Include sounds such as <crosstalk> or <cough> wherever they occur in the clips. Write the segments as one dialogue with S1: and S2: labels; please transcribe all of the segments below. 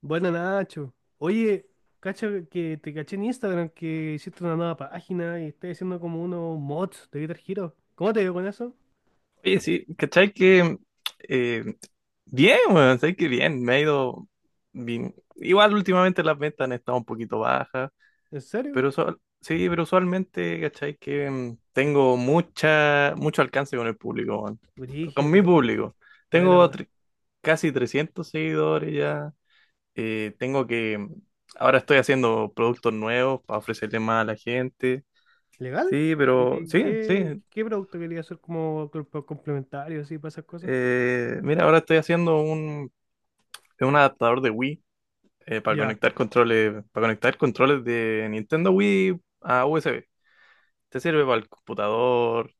S1: Buena Nacho. Oye, cacha que te caché en Instagram que hiciste una nueva página y estás haciendo como unos mods de Guitar Hero. ¿Cómo te dio con eso?
S2: Oye, sí, ¿cachai que eh, bien, weón? ¿Sabes que bien? Me ha ido bien. Igual últimamente las ventas han estado un poquito bajas,
S1: ¿En serio?
S2: pero pero usualmente, ¿cachai que tengo mucho alcance con el público, weón. Con
S1: Brígido, ¿y
S2: mi
S1: cómo?
S2: público.
S1: Buena,
S2: Tengo
S1: wea.
S2: tre- Casi 300 seguidores ya. Tengo que, ahora estoy haciendo productos nuevos para ofrecerle más a la gente.
S1: ¿Legal?
S2: Sí, pero
S1: ¿Y
S2: sí, sí.
S1: qué producto quería hacer como complementario así para esas cosas?
S2: Mira, ahora estoy haciendo un. Es un adaptador de Wii para
S1: Ya,
S2: conectar controles de Nintendo Wii a USB. Te sirve para el computador,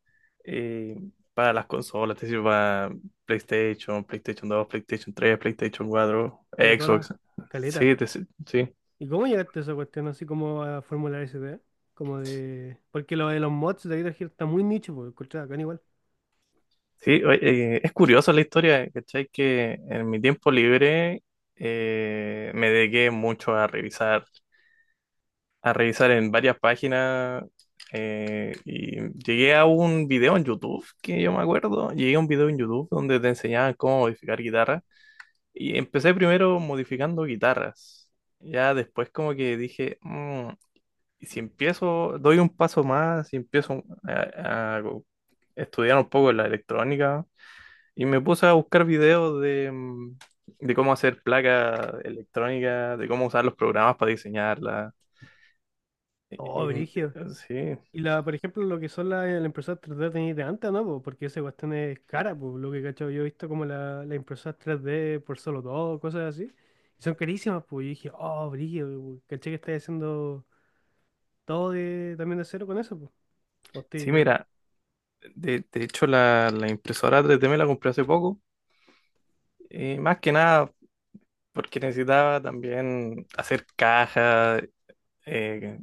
S2: eh, para las consolas, te sirve para PlayStation, PlayStation dos, PlayStation tres, PlayStation cuatro,
S1: ya todas
S2: Xbox.
S1: las caletas.
S2: Sí.
S1: ¿Y cómo llegaste a esa cuestión así como a formular esa idea? Porque lo de los mods de Guitar Hero está muy nicho, porque encontraba acá igual.
S2: Sí, oye, es curiosa la historia, ¿cachai? Que en mi tiempo libre me dediqué mucho a revisar. A revisar en varias páginas y llegué a un video en YouTube, que yo me acuerdo, llegué a un video en YouTube donde te enseñaban cómo modificar guitarras y empecé primero modificando guitarras. Ya después como que dije: ¿Y si empiezo, doy un paso más, y empiezo a estudiar un poco la electrónica?". Y me puse a buscar videos de de cómo hacer placas electrónicas, de cómo usar los programas para diseñarlas. Y-
S1: Oh, brígido.
S2: y- sí.
S1: Y la, por ejemplo, lo que son las impresoras 3D tenéis de antes, ¿no, po? Porque esa cuestión es cara, pues lo que cacho yo he visto como las impresoras 3D por solo dos cosas así. Y son carísimas, pues. Yo dije, oh, brillo, caché que estáis haciendo todo de, también de cero con eso, pues.
S2: Sí,
S1: Hostia.
S2: mira, de hecho la impresora 3D me la compré hace poco, más que nada porque necesitaba también hacer cajas, eh,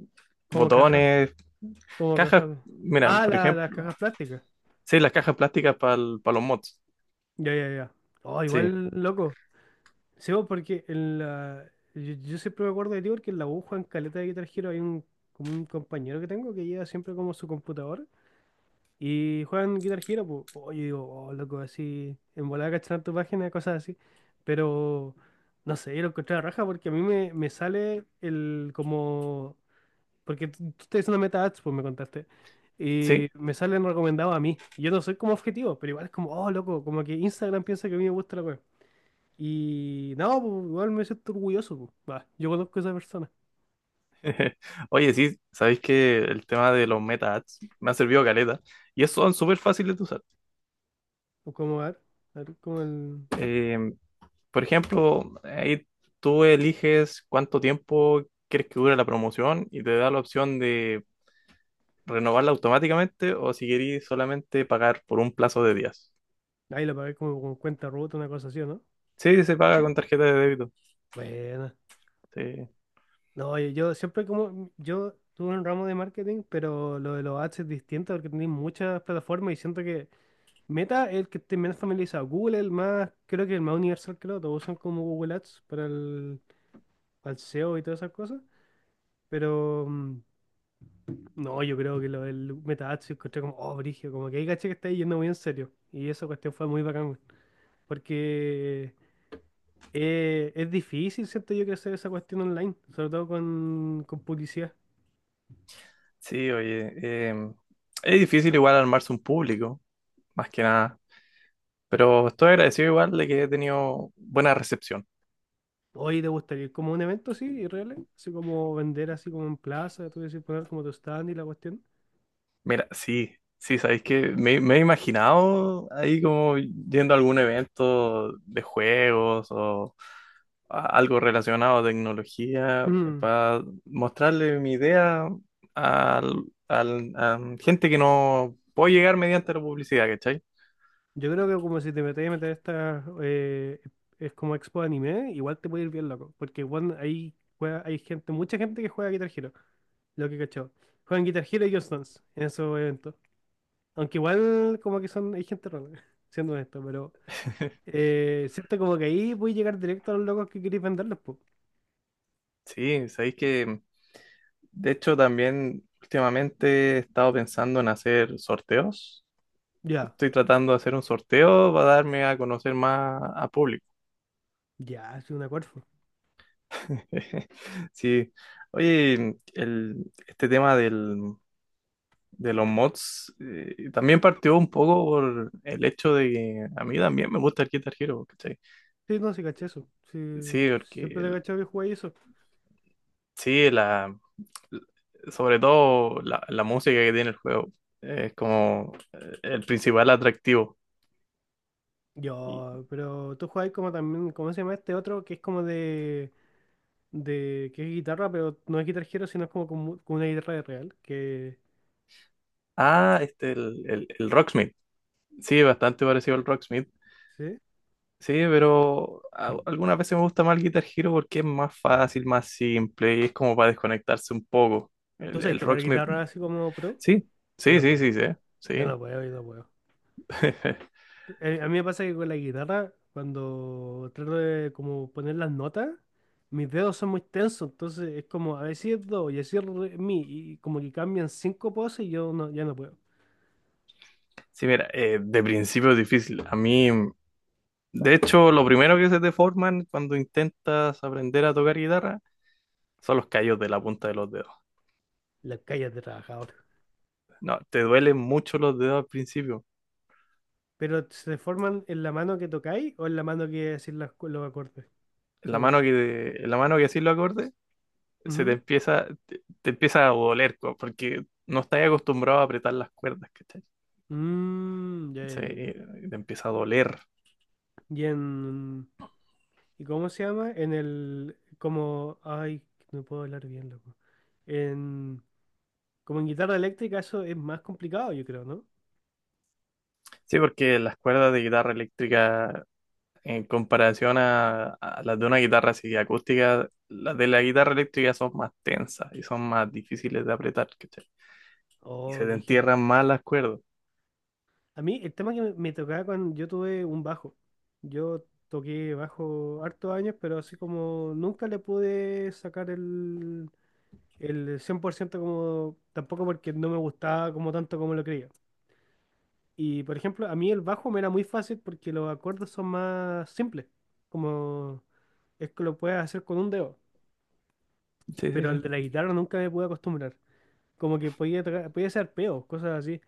S1: ¿Cómo caja?
S2: botones,
S1: ¿Cómo
S2: cajas,
S1: caja?
S2: mira,
S1: Ah,
S2: por
S1: las
S2: ejemplo,
S1: cajas plásticas.
S2: sí, las cajas plásticas para los mods,
S1: Ya, ya, ya. Oh,
S2: sí,
S1: igual, loco. Sí, po, porque yo siempre me acuerdo de ti porque en la aguja en Caleta de Guitar Hero hay como un compañero que tengo que lleva siempre como su computador. Y juegan Guitar Hero, pues. Oye, digo, oh, loco, así, en volada cachar tu página, cosas así. Pero no sé, yo lo encontré a la raja porque a mí me sale el como. Porque tú estás haciendo meta ads, pues me contaste.
S2: sí.
S1: Y me salen recomendados a mí. Y yo no soy como objetivo, pero igual es como, oh, loco, como que Instagram piensa que a mí me gusta la web. Y no, pues igual me siento orgulloso, pues. Va, yo conozco a esa persona.
S2: <laughs> Oye, sí, sabéis que el tema de los meta ads me ha servido caleta y son súper fáciles de usar.
S1: O como, a ver, como el.
S2: Eh, Por ejemplo, ahí tú eliges cuánto tiempo quieres que dure la promoción y te da la opción de renovarla automáticamente o si querís solamente pagar por un plazo de días.
S1: Ahí lo pagué como con cuenta rota, una cosa así, ¿o no?
S2: Sí, se paga con tarjeta de débito.
S1: Bueno.
S2: Sí,
S1: No, yo siempre como, yo tuve un ramo de marketing, pero lo de los ads es distinto porque tenéis muchas plataformas y siento que Meta es el que esté menos familiarizado. Google es el más, creo que el más universal que lo, todos usan como Google Ads para el SEO y todas esas cosas. Pero no, yo creo que lo del Meta Ads yo encontré como, oh, brígido, como que hay caché que está yendo muy en serio. Y esa cuestión fue muy bacán, weón, porque es difícil, siento yo, crecer esa cuestión online, sobre todo con publicidad.
S2: sí, oye, es difícil igual armarse un público, más que nada, pero estoy agradecido igual de que he tenido buena recepción.
S1: Oye, ¿te gustaría ir como a un evento así, irreal, así como vender así como en plaza, tú decís poner como tu stand y la cuestión?
S2: Mira, sí, sí, sabéis que me he imaginado ahí como yendo a algún evento de juegos o algo relacionado a tecnología
S1: Mm,
S2: para mostrarle mi idea al, a gente que no puedo llegar mediante la publicidad, ¿cachai?
S1: Yo creo que como si te metes a meter esta, es como expo de anime, igual te puede ir bien loco. Porque bueno, ahí juega, hay gente, mucha gente que juega Guitar Hero, lo que cachó. Juegan Guitar Hero y Just Dance en esos eventos. Aunque igual como que son, hay gente rara, <laughs> siendo honesto, pero
S2: <laughs>
S1: siento como que ahí voy a llegar directo a los locos que queréis venderlos, pues.
S2: Sí, sabéis que de hecho también últimamente he estado pensando en hacer sorteos.
S1: Ya,
S2: Estoy tratando de hacer un sorteo para darme a conocer más a público.
S1: ya, es una acuerdo.
S2: <laughs> Sí. Oye, este tema del de los mods, también partió un poco por el hecho de que a mí también me gusta el Guitar Hero, ¿cachai?
S1: Sí, no, sí caché eso. Sí,
S2: Sí, porque
S1: siempre te he
S2: el-
S1: cachado que jugáis eso.
S2: sí, sobre todo la música que tiene el juego es como el principal atractivo. Y-
S1: Yo, pero tú jugáis como también, ¿cómo se llama este otro? Que es como de, que es guitarra, pero no es Guitar Hero, sino es como con una guitarra de real. Que,
S2: ah, el Rocksmith. Sí, bastante parecido al Rocksmith.
S1: ¿sí?
S2: Sí, pero algunas veces me gusta más el Guitar Hero porque es más fácil, más simple y es como para desconectarse un poco.
S1: ¿Tú sabes
S2: El
S1: tocar
S2: Rocksmith.
S1: guitarra así como pro?
S2: Sí,
S1: Yo
S2: sí,
S1: no
S2: sí, sí,
S1: puedo.
S2: sí.
S1: Yo
S2: Sí.
S1: no puedo, yo no puedo.
S2: <laughs>
S1: A mí me pasa que con la guitarra, cuando trato de como poner las notas, mis dedos son muy tensos, entonces es como a decir do y a decir re, mi, y como que cambian cinco poses y yo no, ya no puedo.
S2: Sí, mira, de principio es difícil. A mí, de hecho, lo primero que se te forman cuando intentas aprender a tocar guitarra son los callos de la punta de los dedos.
S1: La calles de trabajador.
S2: No, te duelen mucho los dedos al principio.
S1: Pero se forman en la mano que tocáis o en la mano que decís los acordes, según tú.
S2: En la mano que así lo acorde, se te
S1: Ujú.
S2: empieza, te empieza a doler, porque no estás acostumbrado a apretar las cuerdas, ¿cachai?
S1: Mm, ya, ya, ya.
S2: Te empieza a doler.
S1: Y en. ¿Y cómo se llama? En el. Como. Ay, no puedo hablar bien, loco. En. Como en guitarra eléctrica, eso es más complicado, yo creo, ¿no?
S2: Sí, porque las cuerdas de guitarra eléctrica. En comparación a las de una guitarra así acústica, las de la guitarra eléctrica son más tensas y son más difíciles de apretar, ¿cachai? Y
S1: Oh,
S2: se te
S1: brígido.
S2: entierran más las cuerdas.
S1: A mí, el tema que me tocaba cuando yo tuve un bajo. Yo toqué bajo hartos años, pero así como nunca le pude sacar el. El 100% como tampoco porque no me gustaba como tanto como lo creía. Y por ejemplo, a mí el bajo me era muy fácil porque los acordes son más simples. Como es que lo puedes hacer con un dedo.
S2: Sí, sí,
S1: Pero el
S2: sí.
S1: de la guitarra nunca me pude acostumbrar. Como que podía tocar, podía hacer arpeos, cosas así.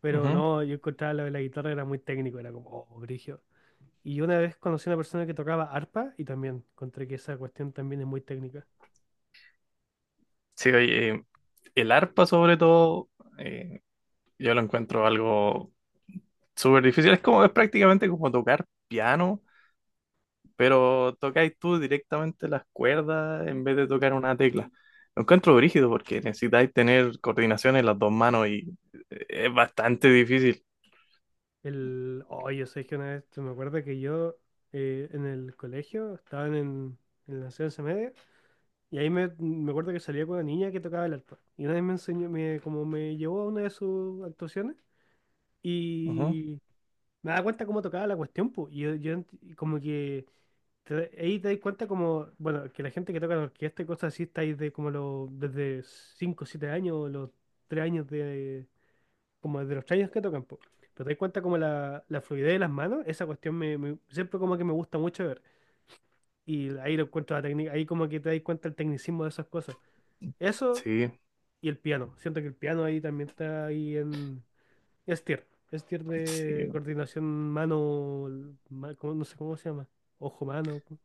S1: Pero
S2: Ujú.
S1: no, yo encontraba lo de la guitarra era muy técnico, era como, oh, brígido. Y yo una vez conocí a una persona que tocaba arpa y también encontré que esa cuestión también es muy técnica.
S2: Sí, oye, el arpa sobre todo, eh, yo lo encuentro algo súper difícil. Es prácticamente como tocar piano, pero tocáis tú directamente las cuerdas en vez de tocar una tecla. Lo encuentro brígido porque necesitáis tener coordinación en las dos manos y es bastante difícil.
S1: El, oh, yo sé que una vez, me acuerdo que yo en el colegio estaban en la enseñanza media y ahí me acuerdo que salía con una niña que tocaba el arpa. Y una vez me enseñó, me, como me llevó a una de sus actuaciones
S2: Ujú.
S1: y me daba cuenta cómo tocaba la cuestión, pues. Y yo y como que te ahí te das cuenta como, bueno, que la gente que toca en orquesta y cosas así está ahí de como los, desde 5 o 7 años, o los 3 años de, como de los traños que tocan, po. Pero te das cuenta como la fluidez de las manos, esa cuestión siempre como que me gusta mucho ver. Y ahí lo encuentro la técnica, ahí como que te das cuenta el tecnicismo de esas cosas. Eso
S2: Sí,
S1: y el piano. Siento que el piano ahí también está ahí en es tier
S2: sí.
S1: de coordinación mano, no sé cómo se llama, ojo mano. ¿Cómo?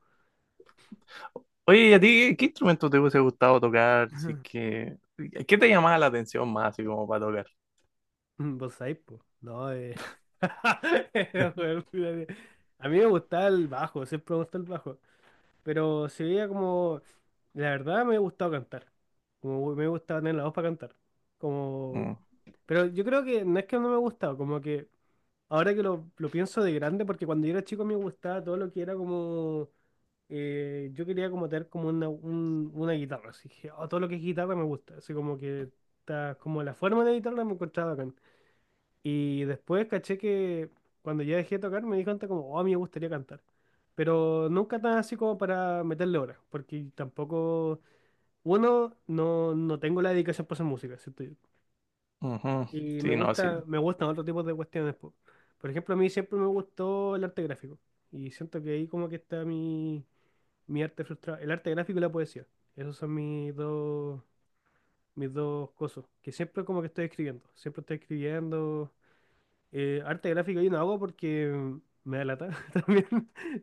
S2: Oye, ¿y a ti qué instrumento te hubiese gustado tocar? Si es
S1: <laughs>
S2: que, ¿qué te llamaba la atención más, así como para tocar?
S1: Vos sabés, po. No. <laughs> Era,
S2: <laughs>
S1: weón. A mí me gustaba el bajo, siempre me gustó el bajo. Pero se veía como, la verdad me ha gustado cantar. Como me gusta tener la voz para cantar. Como,
S2: Mm.
S1: pero yo creo que no es que no me ha gustado, como que ahora que lo pienso de grande, porque cuando yo era chico me gustaba todo lo que era como, yo quería como tener como una guitarra. Así que oh, todo lo que es guitarra me gusta. Así como que está, como la forma de la guitarra me encontraba acá. Y después caché que cuando ya dejé de tocar me di cuenta como, oh, a mí me gustaría cantar. Pero nunca tan así como para meterle horas, porque tampoco, uno, no tengo la dedicación para hacer música, ¿cierto?
S2: Ujú.
S1: Y me
S2: Sí, no,
S1: gusta,
S2: sí.
S1: me gustan otros tipos de cuestiones, po. Por ejemplo, a mí siempre me gustó el arte gráfico. Y siento que ahí como que está mi arte frustrado. El arte gráfico y la poesía. Esos son mis dos cosas. Que siempre como que estoy escribiendo. Siempre estoy escribiendo. Arte gráfico yo no hago porque me da lata <laughs> también.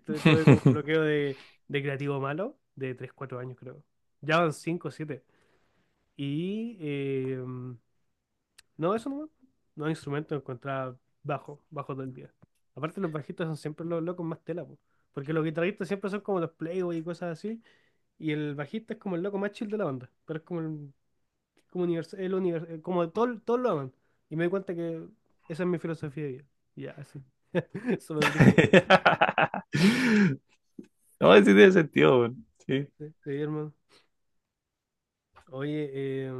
S1: Tuve como un
S2: <laughs>
S1: bloqueo de creativo malo de 3 4 años creo. Ya van 5, siete. Y no, eso no. No instrumento encontraba bajo, bajo todo el día. Aparte los bajistas son siempre los locos más tela, po. Porque los guitarristas siempre son como los playboy y cosas así. Y el bajista es como el loco más chill de la banda. Pero es como el, como universal, como todo, todos lo aman. Y me di cuenta que esa es mi filosofía de vida. Ya, así. <laughs> Súper brígido.
S2: No, sí tiene sentido, weón. Sí.
S1: Sí, sí, hermano. Oye, eh,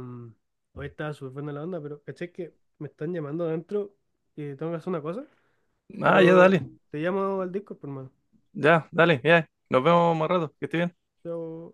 S1: hoy estaba súper buena la onda, pero caché que me están llamando adentro y tengo que hacer una cosa.
S2: Ah, ya,
S1: Pero
S2: dale.
S1: te llamo al Discord, pues, hermano.
S2: Ya, dale, ya. Nos vemos más rato. Que estés bien.
S1: Chao.